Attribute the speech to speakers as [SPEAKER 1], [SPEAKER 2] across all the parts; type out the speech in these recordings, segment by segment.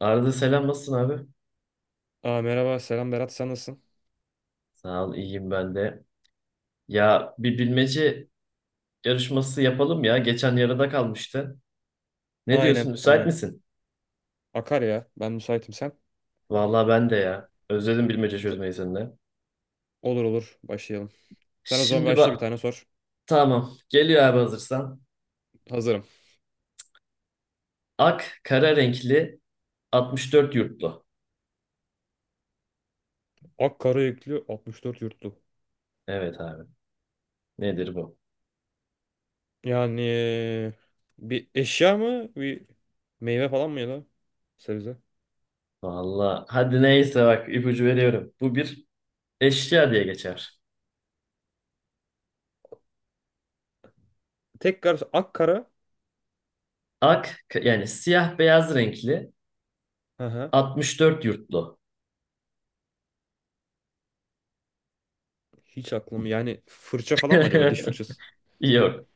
[SPEAKER 1] Arada selam, nasılsın abi?
[SPEAKER 2] Aa, merhaba selam Berat sen nasılsın?
[SPEAKER 1] Sağ ol, iyiyim ben de. Ya bir bilmece yarışması yapalım ya. Geçen yarıda kalmıştı. Ne diyorsun,
[SPEAKER 2] Aynen
[SPEAKER 1] müsait
[SPEAKER 2] aynen.
[SPEAKER 1] misin?
[SPEAKER 2] Akar ya ben müsaitim sen.
[SPEAKER 1] Vallahi ben de ya. Özledim bilmece
[SPEAKER 2] T-
[SPEAKER 1] çözmeyi seninle.
[SPEAKER 2] olur olur başlayalım. Sen o zaman
[SPEAKER 1] Şimdi
[SPEAKER 2] başla bir
[SPEAKER 1] bak,
[SPEAKER 2] tane sor.
[SPEAKER 1] tamam, geliyor abi, hazırsan.
[SPEAKER 2] Hazırım.
[SPEAKER 1] Ak kara renkli, 64 yurtlu.
[SPEAKER 2] Ak Karayüklü 64 yurtlu.
[SPEAKER 1] Evet abi, nedir bu?
[SPEAKER 2] Yani bir eşya mı bir meyve falan mı ya da sebze?
[SPEAKER 1] Vallahi hadi neyse, bak ipucu veriyorum. Bu bir eşya diye geçer.
[SPEAKER 2] Tekrar akkara.
[SPEAKER 1] Ak yani siyah beyaz renkli,
[SPEAKER 2] Hı hı.
[SPEAKER 1] 64 yurtlu.
[SPEAKER 2] Hiç aklım yani fırça falan mı acaba diş fırçası?
[SPEAKER 1] Yok.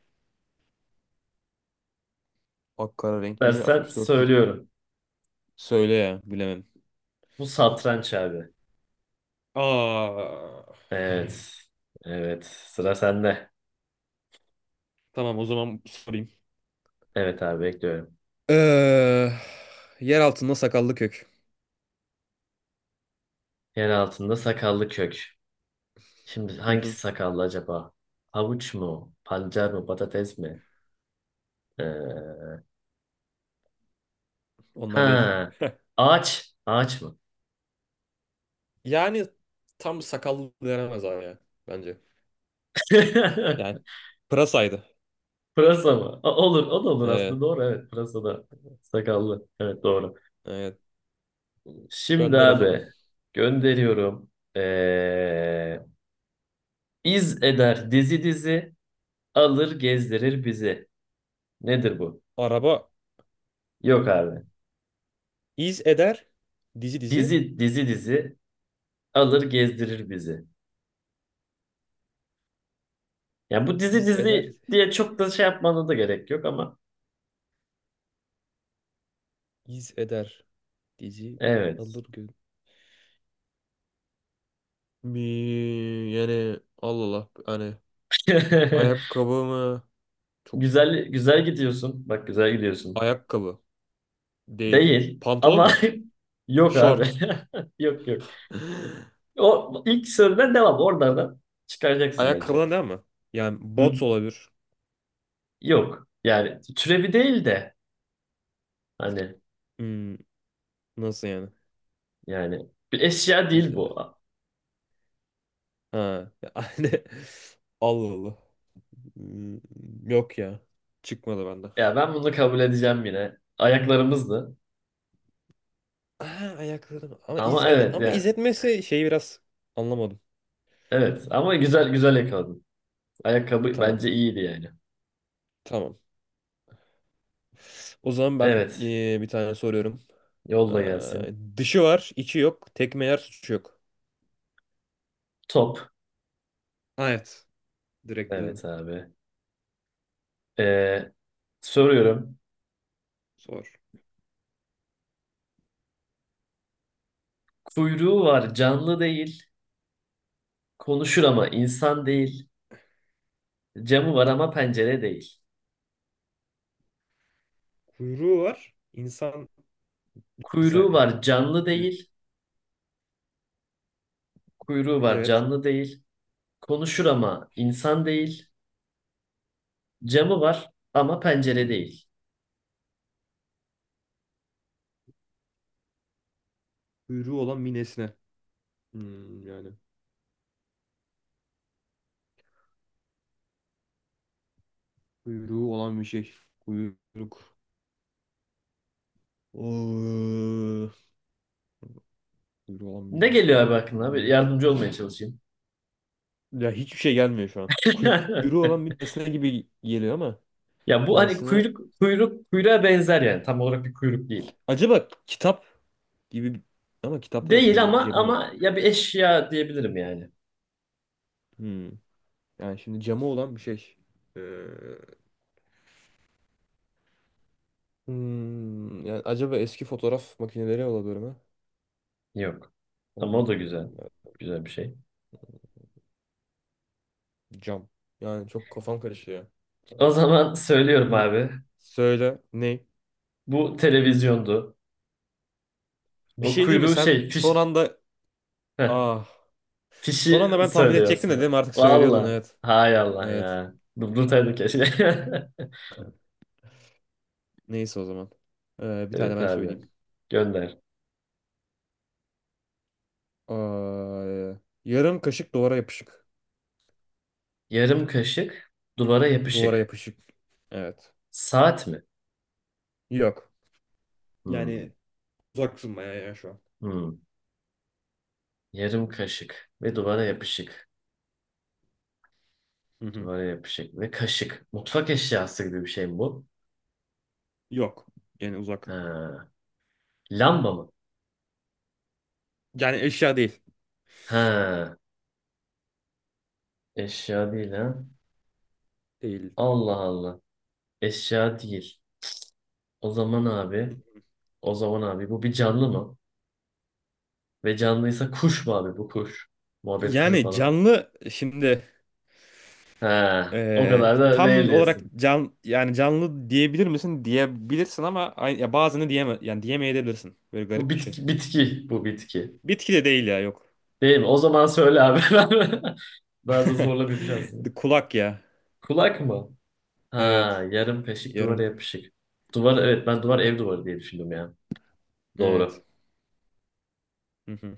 [SPEAKER 2] Akkara renkli
[SPEAKER 1] Dersen
[SPEAKER 2] 64 yurt.
[SPEAKER 1] söylüyorum.
[SPEAKER 2] Söyle ya bilemem.
[SPEAKER 1] Bu satranç abi. Hmm.
[SPEAKER 2] Aa,
[SPEAKER 1] Evet. Evet. Sıra sende.
[SPEAKER 2] tamam o zaman sorayım.
[SPEAKER 1] Evet abi, bekliyorum.
[SPEAKER 2] Ee, Yer altında sakallı kök.
[SPEAKER 1] Yer altında sakallı kök. Şimdi
[SPEAKER 2] Hı
[SPEAKER 1] hangisi
[SPEAKER 2] hı.
[SPEAKER 1] sakallı acaba? Havuç mu? Pancar mı? Patates mi? Ee,
[SPEAKER 2] Onlar değil.
[SPEAKER 1] ha. Ağaç. Ağaç mı?
[SPEAKER 2] Yani tam sakallı denemez abi ya bence. Yani pırasaydı.
[SPEAKER 1] Pırasa mı? O- olur. O da olur
[SPEAKER 2] Ee,
[SPEAKER 1] aslında. Doğru, evet. Pırasa da sakallı. Evet, doğru.
[SPEAKER 2] evet.
[SPEAKER 1] Şimdi
[SPEAKER 2] Gönder o zaman.
[SPEAKER 1] abi, gönderiyorum. Ee, iz eder dizi dizi. Alır gezdirir bizi. Nedir bu?
[SPEAKER 2] Araba
[SPEAKER 1] Yok abi.
[SPEAKER 2] iz eder. Dizi dizi.
[SPEAKER 1] Dizi dizi dizi, alır gezdirir bizi. Ya bu dizi
[SPEAKER 2] İz eder.
[SPEAKER 1] dizi diye çok da şey yapmana da gerek yok ama
[SPEAKER 2] İz eder. Dizi
[SPEAKER 1] evet.
[SPEAKER 2] alır gün. Mi yani Allah Allah hani ayakkabı mı? Çok
[SPEAKER 1] Güzel güzel gidiyorsun. Bak, güzel gidiyorsun.
[SPEAKER 2] ayakkabı değil.
[SPEAKER 1] Değil
[SPEAKER 2] Pantolon
[SPEAKER 1] ama
[SPEAKER 2] mu?
[SPEAKER 1] yok abi.
[SPEAKER 2] Şort.
[SPEAKER 1] Yok, yok. O ilk sorudan devam. Oralardan çıkaracaksın bence.
[SPEAKER 2] Ayakkabıdan değil mi? Yani
[SPEAKER 1] Hı?
[SPEAKER 2] bot olabilir.
[SPEAKER 1] Yok. Yani türevi değil de, hani,
[SPEAKER 2] Hmm, Nasıl yani?
[SPEAKER 1] yani bir eşya değil
[SPEAKER 2] İzle.
[SPEAKER 1] bu.
[SPEAKER 2] Ha. Yani Allah Allah. Hmm, Yok ya. Çıkmadı bende.
[SPEAKER 1] Ya ben bunu kabul edeceğim yine. Ayaklarımızdı.
[SPEAKER 2] Ha, ayaklarım. Ama iz
[SPEAKER 1] Ama
[SPEAKER 2] ed-
[SPEAKER 1] evet
[SPEAKER 2] ama
[SPEAKER 1] yani.
[SPEAKER 2] iz etmesi şeyi biraz anlamadım.
[SPEAKER 1] Evet ama güzel güzel yakaladın. Ayakkabı
[SPEAKER 2] Tamam.
[SPEAKER 1] bence iyiydi yani.
[SPEAKER 2] Tamam. O zaman ben
[SPEAKER 1] Evet.
[SPEAKER 2] bir tane soruyorum.
[SPEAKER 1] Yolla gelsin.
[SPEAKER 2] Dışı var, içi yok. Tekme yer, suçu yok.
[SPEAKER 1] Top.
[SPEAKER 2] Ha, evet. Direkt bildim.
[SPEAKER 1] Evet abi. Ee, soruyorum.
[SPEAKER 2] Sor.
[SPEAKER 1] Kuyruğu var, canlı değil. Konuşur ama insan değil. Camı var ama pencere değil.
[SPEAKER 2] Kuyruğu var. İnsan bir
[SPEAKER 1] Kuyruğu
[SPEAKER 2] saniye.
[SPEAKER 1] var, canlı
[SPEAKER 2] Kuy-
[SPEAKER 1] değil. Kuyruğu var,
[SPEAKER 2] Evet.
[SPEAKER 1] canlı değil. Konuşur ama insan değil. Camı var ama pencere değil.
[SPEAKER 2] Kuyruğu olan bir nesne. Hmm, yani. Kuyruğu olan bir şey. Kuyruk. Oo. Kuyruğu olan
[SPEAKER 1] Ne
[SPEAKER 2] bir
[SPEAKER 1] geliyor
[SPEAKER 2] nesne.
[SPEAKER 1] abi aklına?
[SPEAKER 2] Öyle
[SPEAKER 1] Bir
[SPEAKER 2] mi?
[SPEAKER 1] yardımcı olmaya çalışayım.
[SPEAKER 2] Ya hiçbir şey gelmiyor şu an. Kuyruğu olan bir nesne gibi geliyor ama
[SPEAKER 1] Ya bu hani
[SPEAKER 2] nesne...
[SPEAKER 1] kuyruk, kuyruk kuyruğa benzer yani. Tam olarak bir kuyruk değil.
[SPEAKER 2] Acaba kitap gibi ama kitapta da
[SPEAKER 1] Değil
[SPEAKER 2] bence
[SPEAKER 1] ama,
[SPEAKER 2] camı yok.
[SPEAKER 1] ama ya bir eşya diyebilirim yani.
[SPEAKER 2] Hmm. Yani şimdi camı olan bir şey. Ee, Yani acaba eski fotoğraf makineleri olabilir mi?
[SPEAKER 1] Yok. Ama o
[SPEAKER 2] Onlar.
[SPEAKER 1] da güzel.
[SPEAKER 2] Onlar
[SPEAKER 1] Güzel bir şey.
[SPEAKER 2] cam. Yani çok kafam karışıyor.
[SPEAKER 1] O zaman söylüyorum
[SPEAKER 2] Hmm,
[SPEAKER 1] abi.
[SPEAKER 2] Söyle. Ne?
[SPEAKER 1] Bu televizyondu.
[SPEAKER 2] Bir
[SPEAKER 1] O
[SPEAKER 2] şey değil mi?
[SPEAKER 1] kuyruğu
[SPEAKER 2] Sen
[SPEAKER 1] şey, fiş,
[SPEAKER 2] son anda...
[SPEAKER 1] heh,
[SPEAKER 2] Ah. Son
[SPEAKER 1] fişi
[SPEAKER 2] anda ben tahmin
[SPEAKER 1] söylüyor
[SPEAKER 2] edecektim de değil
[SPEAKER 1] aslında.
[SPEAKER 2] mi? Artık söylüyordun
[SPEAKER 1] Valla.
[SPEAKER 2] evet.
[SPEAKER 1] Hay Allah
[SPEAKER 2] Evet.
[SPEAKER 1] ya. Durdurtaydım keşke.
[SPEAKER 2] Neyse o zaman. Bir tane
[SPEAKER 1] Evet
[SPEAKER 2] ben
[SPEAKER 1] abi.
[SPEAKER 2] söyleyeyim.
[SPEAKER 1] Gönder.
[SPEAKER 2] Aa, yarım kaşık duvara yapışık.
[SPEAKER 1] Yarım kaşık duvara
[SPEAKER 2] Duvara
[SPEAKER 1] yapışık.
[SPEAKER 2] yapışık. Evet.
[SPEAKER 1] Saat mi?
[SPEAKER 2] Yok.
[SPEAKER 1] Hmm.
[SPEAKER 2] Yani uzaksın bayağı ya şu an.
[SPEAKER 1] Hmm. Yarım kaşık ve duvara yapışık.
[SPEAKER 2] Hı hı.
[SPEAKER 1] Duvara yapışık ve kaşık. Mutfak eşyası gibi bir şey mi bu?
[SPEAKER 2] Yok. Yani uzak.
[SPEAKER 1] Ha. Lamba mı?
[SPEAKER 2] Yani eşya değil.
[SPEAKER 1] Ha. Eşya değil ha.
[SPEAKER 2] Değil.
[SPEAKER 1] Allah Allah. Eşya değil. O zaman abi, o zaman abi bu bir canlı mı? Ve canlıysa kuş mu abi, bu kuş? Muhabbet kuşu
[SPEAKER 2] Yani
[SPEAKER 1] falan.
[SPEAKER 2] canlı şimdi
[SPEAKER 1] Ha. O kadar da değil
[SPEAKER 2] tam olarak
[SPEAKER 1] diyorsun.
[SPEAKER 2] can yani canlı diyebilir misin? Diyebilirsin ama ya bazını diyeme yani diyemeyebilirsin. Böyle
[SPEAKER 1] Bu
[SPEAKER 2] garip bir şey.
[SPEAKER 1] bitki, bitki. Bu bitki.
[SPEAKER 2] Bitki de değil ya yok.
[SPEAKER 1] Değil mi? O zaman söyle abi. Daha da zorla bir şey şansını.
[SPEAKER 2] Kulak ya.
[SPEAKER 1] Kulak mı? Ha,
[SPEAKER 2] Evet.
[SPEAKER 1] yarım kaşık
[SPEAKER 2] Yarım.
[SPEAKER 1] duvara yapışık. Duvar, evet, ben duvar, ev duvarı diye düşündüm ya.
[SPEAKER 2] Evet.
[SPEAKER 1] Doğru.
[SPEAKER 2] Hı hı.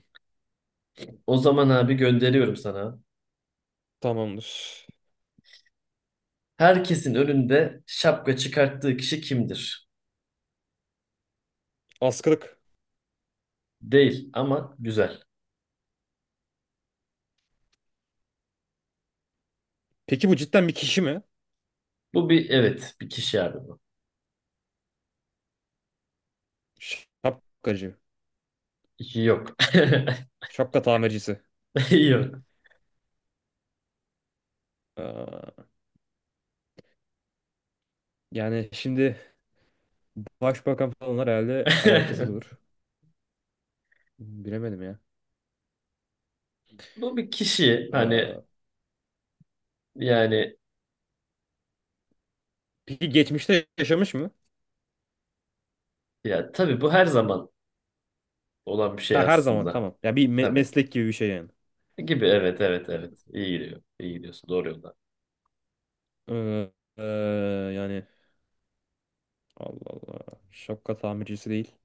[SPEAKER 1] O zaman abi gönderiyorum sana.
[SPEAKER 2] Tamamdır.
[SPEAKER 1] Herkesin önünde şapka çıkarttığı kişi kimdir?
[SPEAKER 2] Askılık.
[SPEAKER 1] Değil ama güzel.
[SPEAKER 2] Peki bu cidden bir kişi mi?
[SPEAKER 1] Bu bir, evet, bir kişi abi bu.
[SPEAKER 2] Şapkacı.
[SPEAKER 1] Yok.
[SPEAKER 2] Şapka tamircisi.
[SPEAKER 1] Yok.
[SPEAKER 2] Aa, yani şimdi başbakan falanlar herhalde alakasız olur. Bilemedim ya.
[SPEAKER 1] Bu bir kişi, hani
[SPEAKER 2] Aa,
[SPEAKER 1] yani,
[SPEAKER 2] peki geçmişte yaşamış mı?
[SPEAKER 1] ya tabii bu her zaman olan bir şey
[SPEAKER 2] Ha her zaman
[SPEAKER 1] aslında.
[SPEAKER 2] tamam. Ya bir
[SPEAKER 1] Tabii.
[SPEAKER 2] meslek gibi bir şey yani.
[SPEAKER 1] Gibi, evet, evet, evet. İyi gidiyor. İyi gidiyorsun. Doğru yolda.
[SPEAKER 2] Ee, ee, Yani Allah Allah. Şapka tamircisi değil.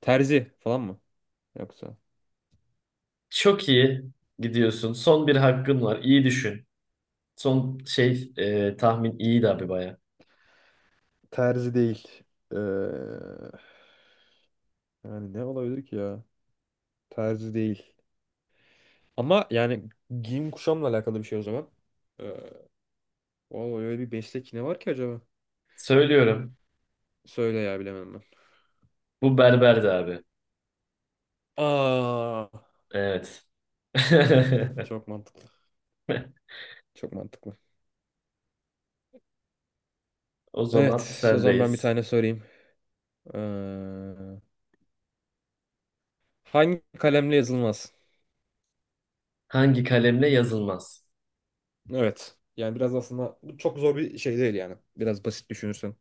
[SPEAKER 2] Terzi falan mı? Yoksa.
[SPEAKER 1] Çok iyi gidiyorsun. Son bir hakkın var. İyi düşün. Son şey, tahmin iyiydi abi baya.
[SPEAKER 2] Terzi değil. Ee, Yani ne olabilir ki ya? Terzi değil. Ama yani giyim kuşamla alakalı bir şey o zaman. Ee, Vallahi öyle bir meslek ne var ki acaba?
[SPEAKER 1] Söylüyorum.
[SPEAKER 2] Söyle ya bilemem ben.
[SPEAKER 1] Bu berberdi abi.
[SPEAKER 2] Aa,
[SPEAKER 1] Evet.
[SPEAKER 2] çok mantıklı. Çok mantıklı.
[SPEAKER 1] O zaman
[SPEAKER 2] Evet, o zaman ben bir
[SPEAKER 1] sendeyiz.
[SPEAKER 2] tane sorayım. Ee, Hangi kalemle yazılmaz?
[SPEAKER 1] Hangi kalemle yazılmaz?
[SPEAKER 2] Evet. Yani biraz aslında bu çok zor bir şey değil yani. Biraz basit düşünürsen.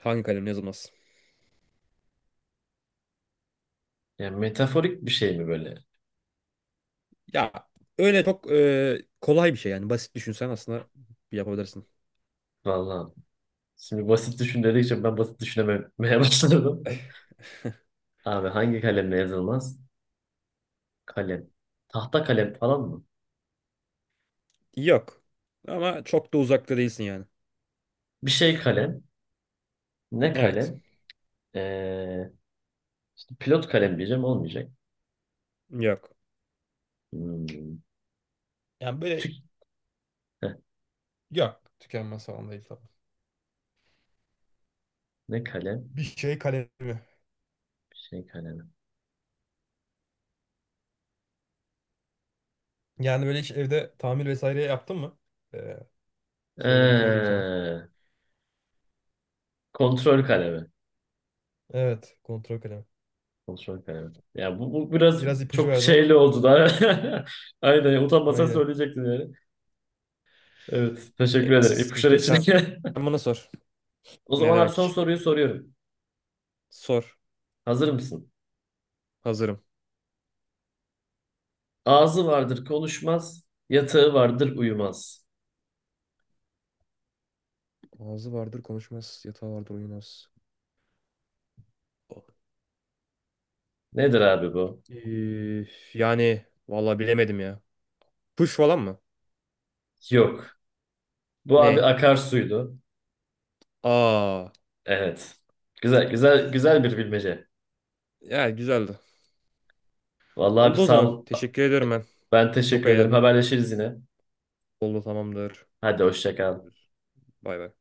[SPEAKER 2] Hangi kalemle yazılmaz?
[SPEAKER 1] Yani metaforik bir şey mi böyle?
[SPEAKER 2] Ya öyle çok kolay bir şey yani. Basit düşünsen aslında yapabilirsin.
[SPEAKER 1] Vallahi. Şimdi basit düşün dedikçe ben basit düşünememeye başladım. Abi hangi kalemle yazılmaz? Kalem. Tahta kalem falan mı?
[SPEAKER 2] Yok. Ama çok da uzakta değilsin yani.
[SPEAKER 1] Bir şey kalem. Ne
[SPEAKER 2] Evet.
[SPEAKER 1] kalem? Ee, pilot kalem diyeceğim, olmayacak.
[SPEAKER 2] Yok.
[SPEAKER 1] Hmm.
[SPEAKER 2] Yani böyle
[SPEAKER 1] Tük-, heh,
[SPEAKER 2] yok. Tükenmez falan değil tabii.
[SPEAKER 1] ne kalem?
[SPEAKER 2] Bir şey kalemi.
[SPEAKER 1] Bir şey kalemi.
[SPEAKER 2] Yani böyle hiç evde tamir vesaire yaptın mı? Ee, Söyle sorayım sana.
[SPEAKER 1] Ee, kontrol kalemi.
[SPEAKER 2] Evet. Kontrol kalemi.
[SPEAKER 1] Kontrol kalemi. Ya bu, bu biraz
[SPEAKER 2] Biraz ipucu
[SPEAKER 1] çok
[SPEAKER 2] verdim
[SPEAKER 1] şeyli
[SPEAKER 2] ama.
[SPEAKER 1] oldu da. Aynen, utanmasan
[SPEAKER 2] Aynen.
[SPEAKER 1] söyleyecektin yani. Evet, teşekkür
[SPEAKER 2] Neyse
[SPEAKER 1] ederim
[SPEAKER 2] sıkıntı
[SPEAKER 1] ipuçları
[SPEAKER 2] yok.
[SPEAKER 1] için.
[SPEAKER 2] Sen sen bana sor.
[SPEAKER 1] O
[SPEAKER 2] Ne
[SPEAKER 1] zaman abi son
[SPEAKER 2] demek?
[SPEAKER 1] soruyu soruyorum.
[SPEAKER 2] Sor.
[SPEAKER 1] Hazır mısın?
[SPEAKER 2] Hazırım.
[SPEAKER 1] Ağzı vardır konuşmaz, yatağı vardır uyumaz.
[SPEAKER 2] Ağzı vardır konuşmaz. Yatağı vardır uyumaz.
[SPEAKER 1] Nedir abi bu?
[SPEAKER 2] Ee, Yani vallahi bilemedim ya. Kuş falan mı?
[SPEAKER 1] Yok. Bu abi
[SPEAKER 2] Ney?
[SPEAKER 1] akarsuydu.
[SPEAKER 2] Aa.
[SPEAKER 1] Evet. Güzel, güzel, güzel bir bilmece.
[SPEAKER 2] Ya güzeldi.
[SPEAKER 1] Vallahi abi
[SPEAKER 2] Oldu o
[SPEAKER 1] sağ
[SPEAKER 2] zaman.
[SPEAKER 1] ol.
[SPEAKER 2] Teşekkür ediyorum ben.
[SPEAKER 1] Ben
[SPEAKER 2] Çok
[SPEAKER 1] teşekkür ederim.
[SPEAKER 2] eğlendim.
[SPEAKER 1] Haberleşiriz yine.
[SPEAKER 2] Oldu tamamdır.
[SPEAKER 1] Hadi hoşça kal.
[SPEAKER 2] Bay bay.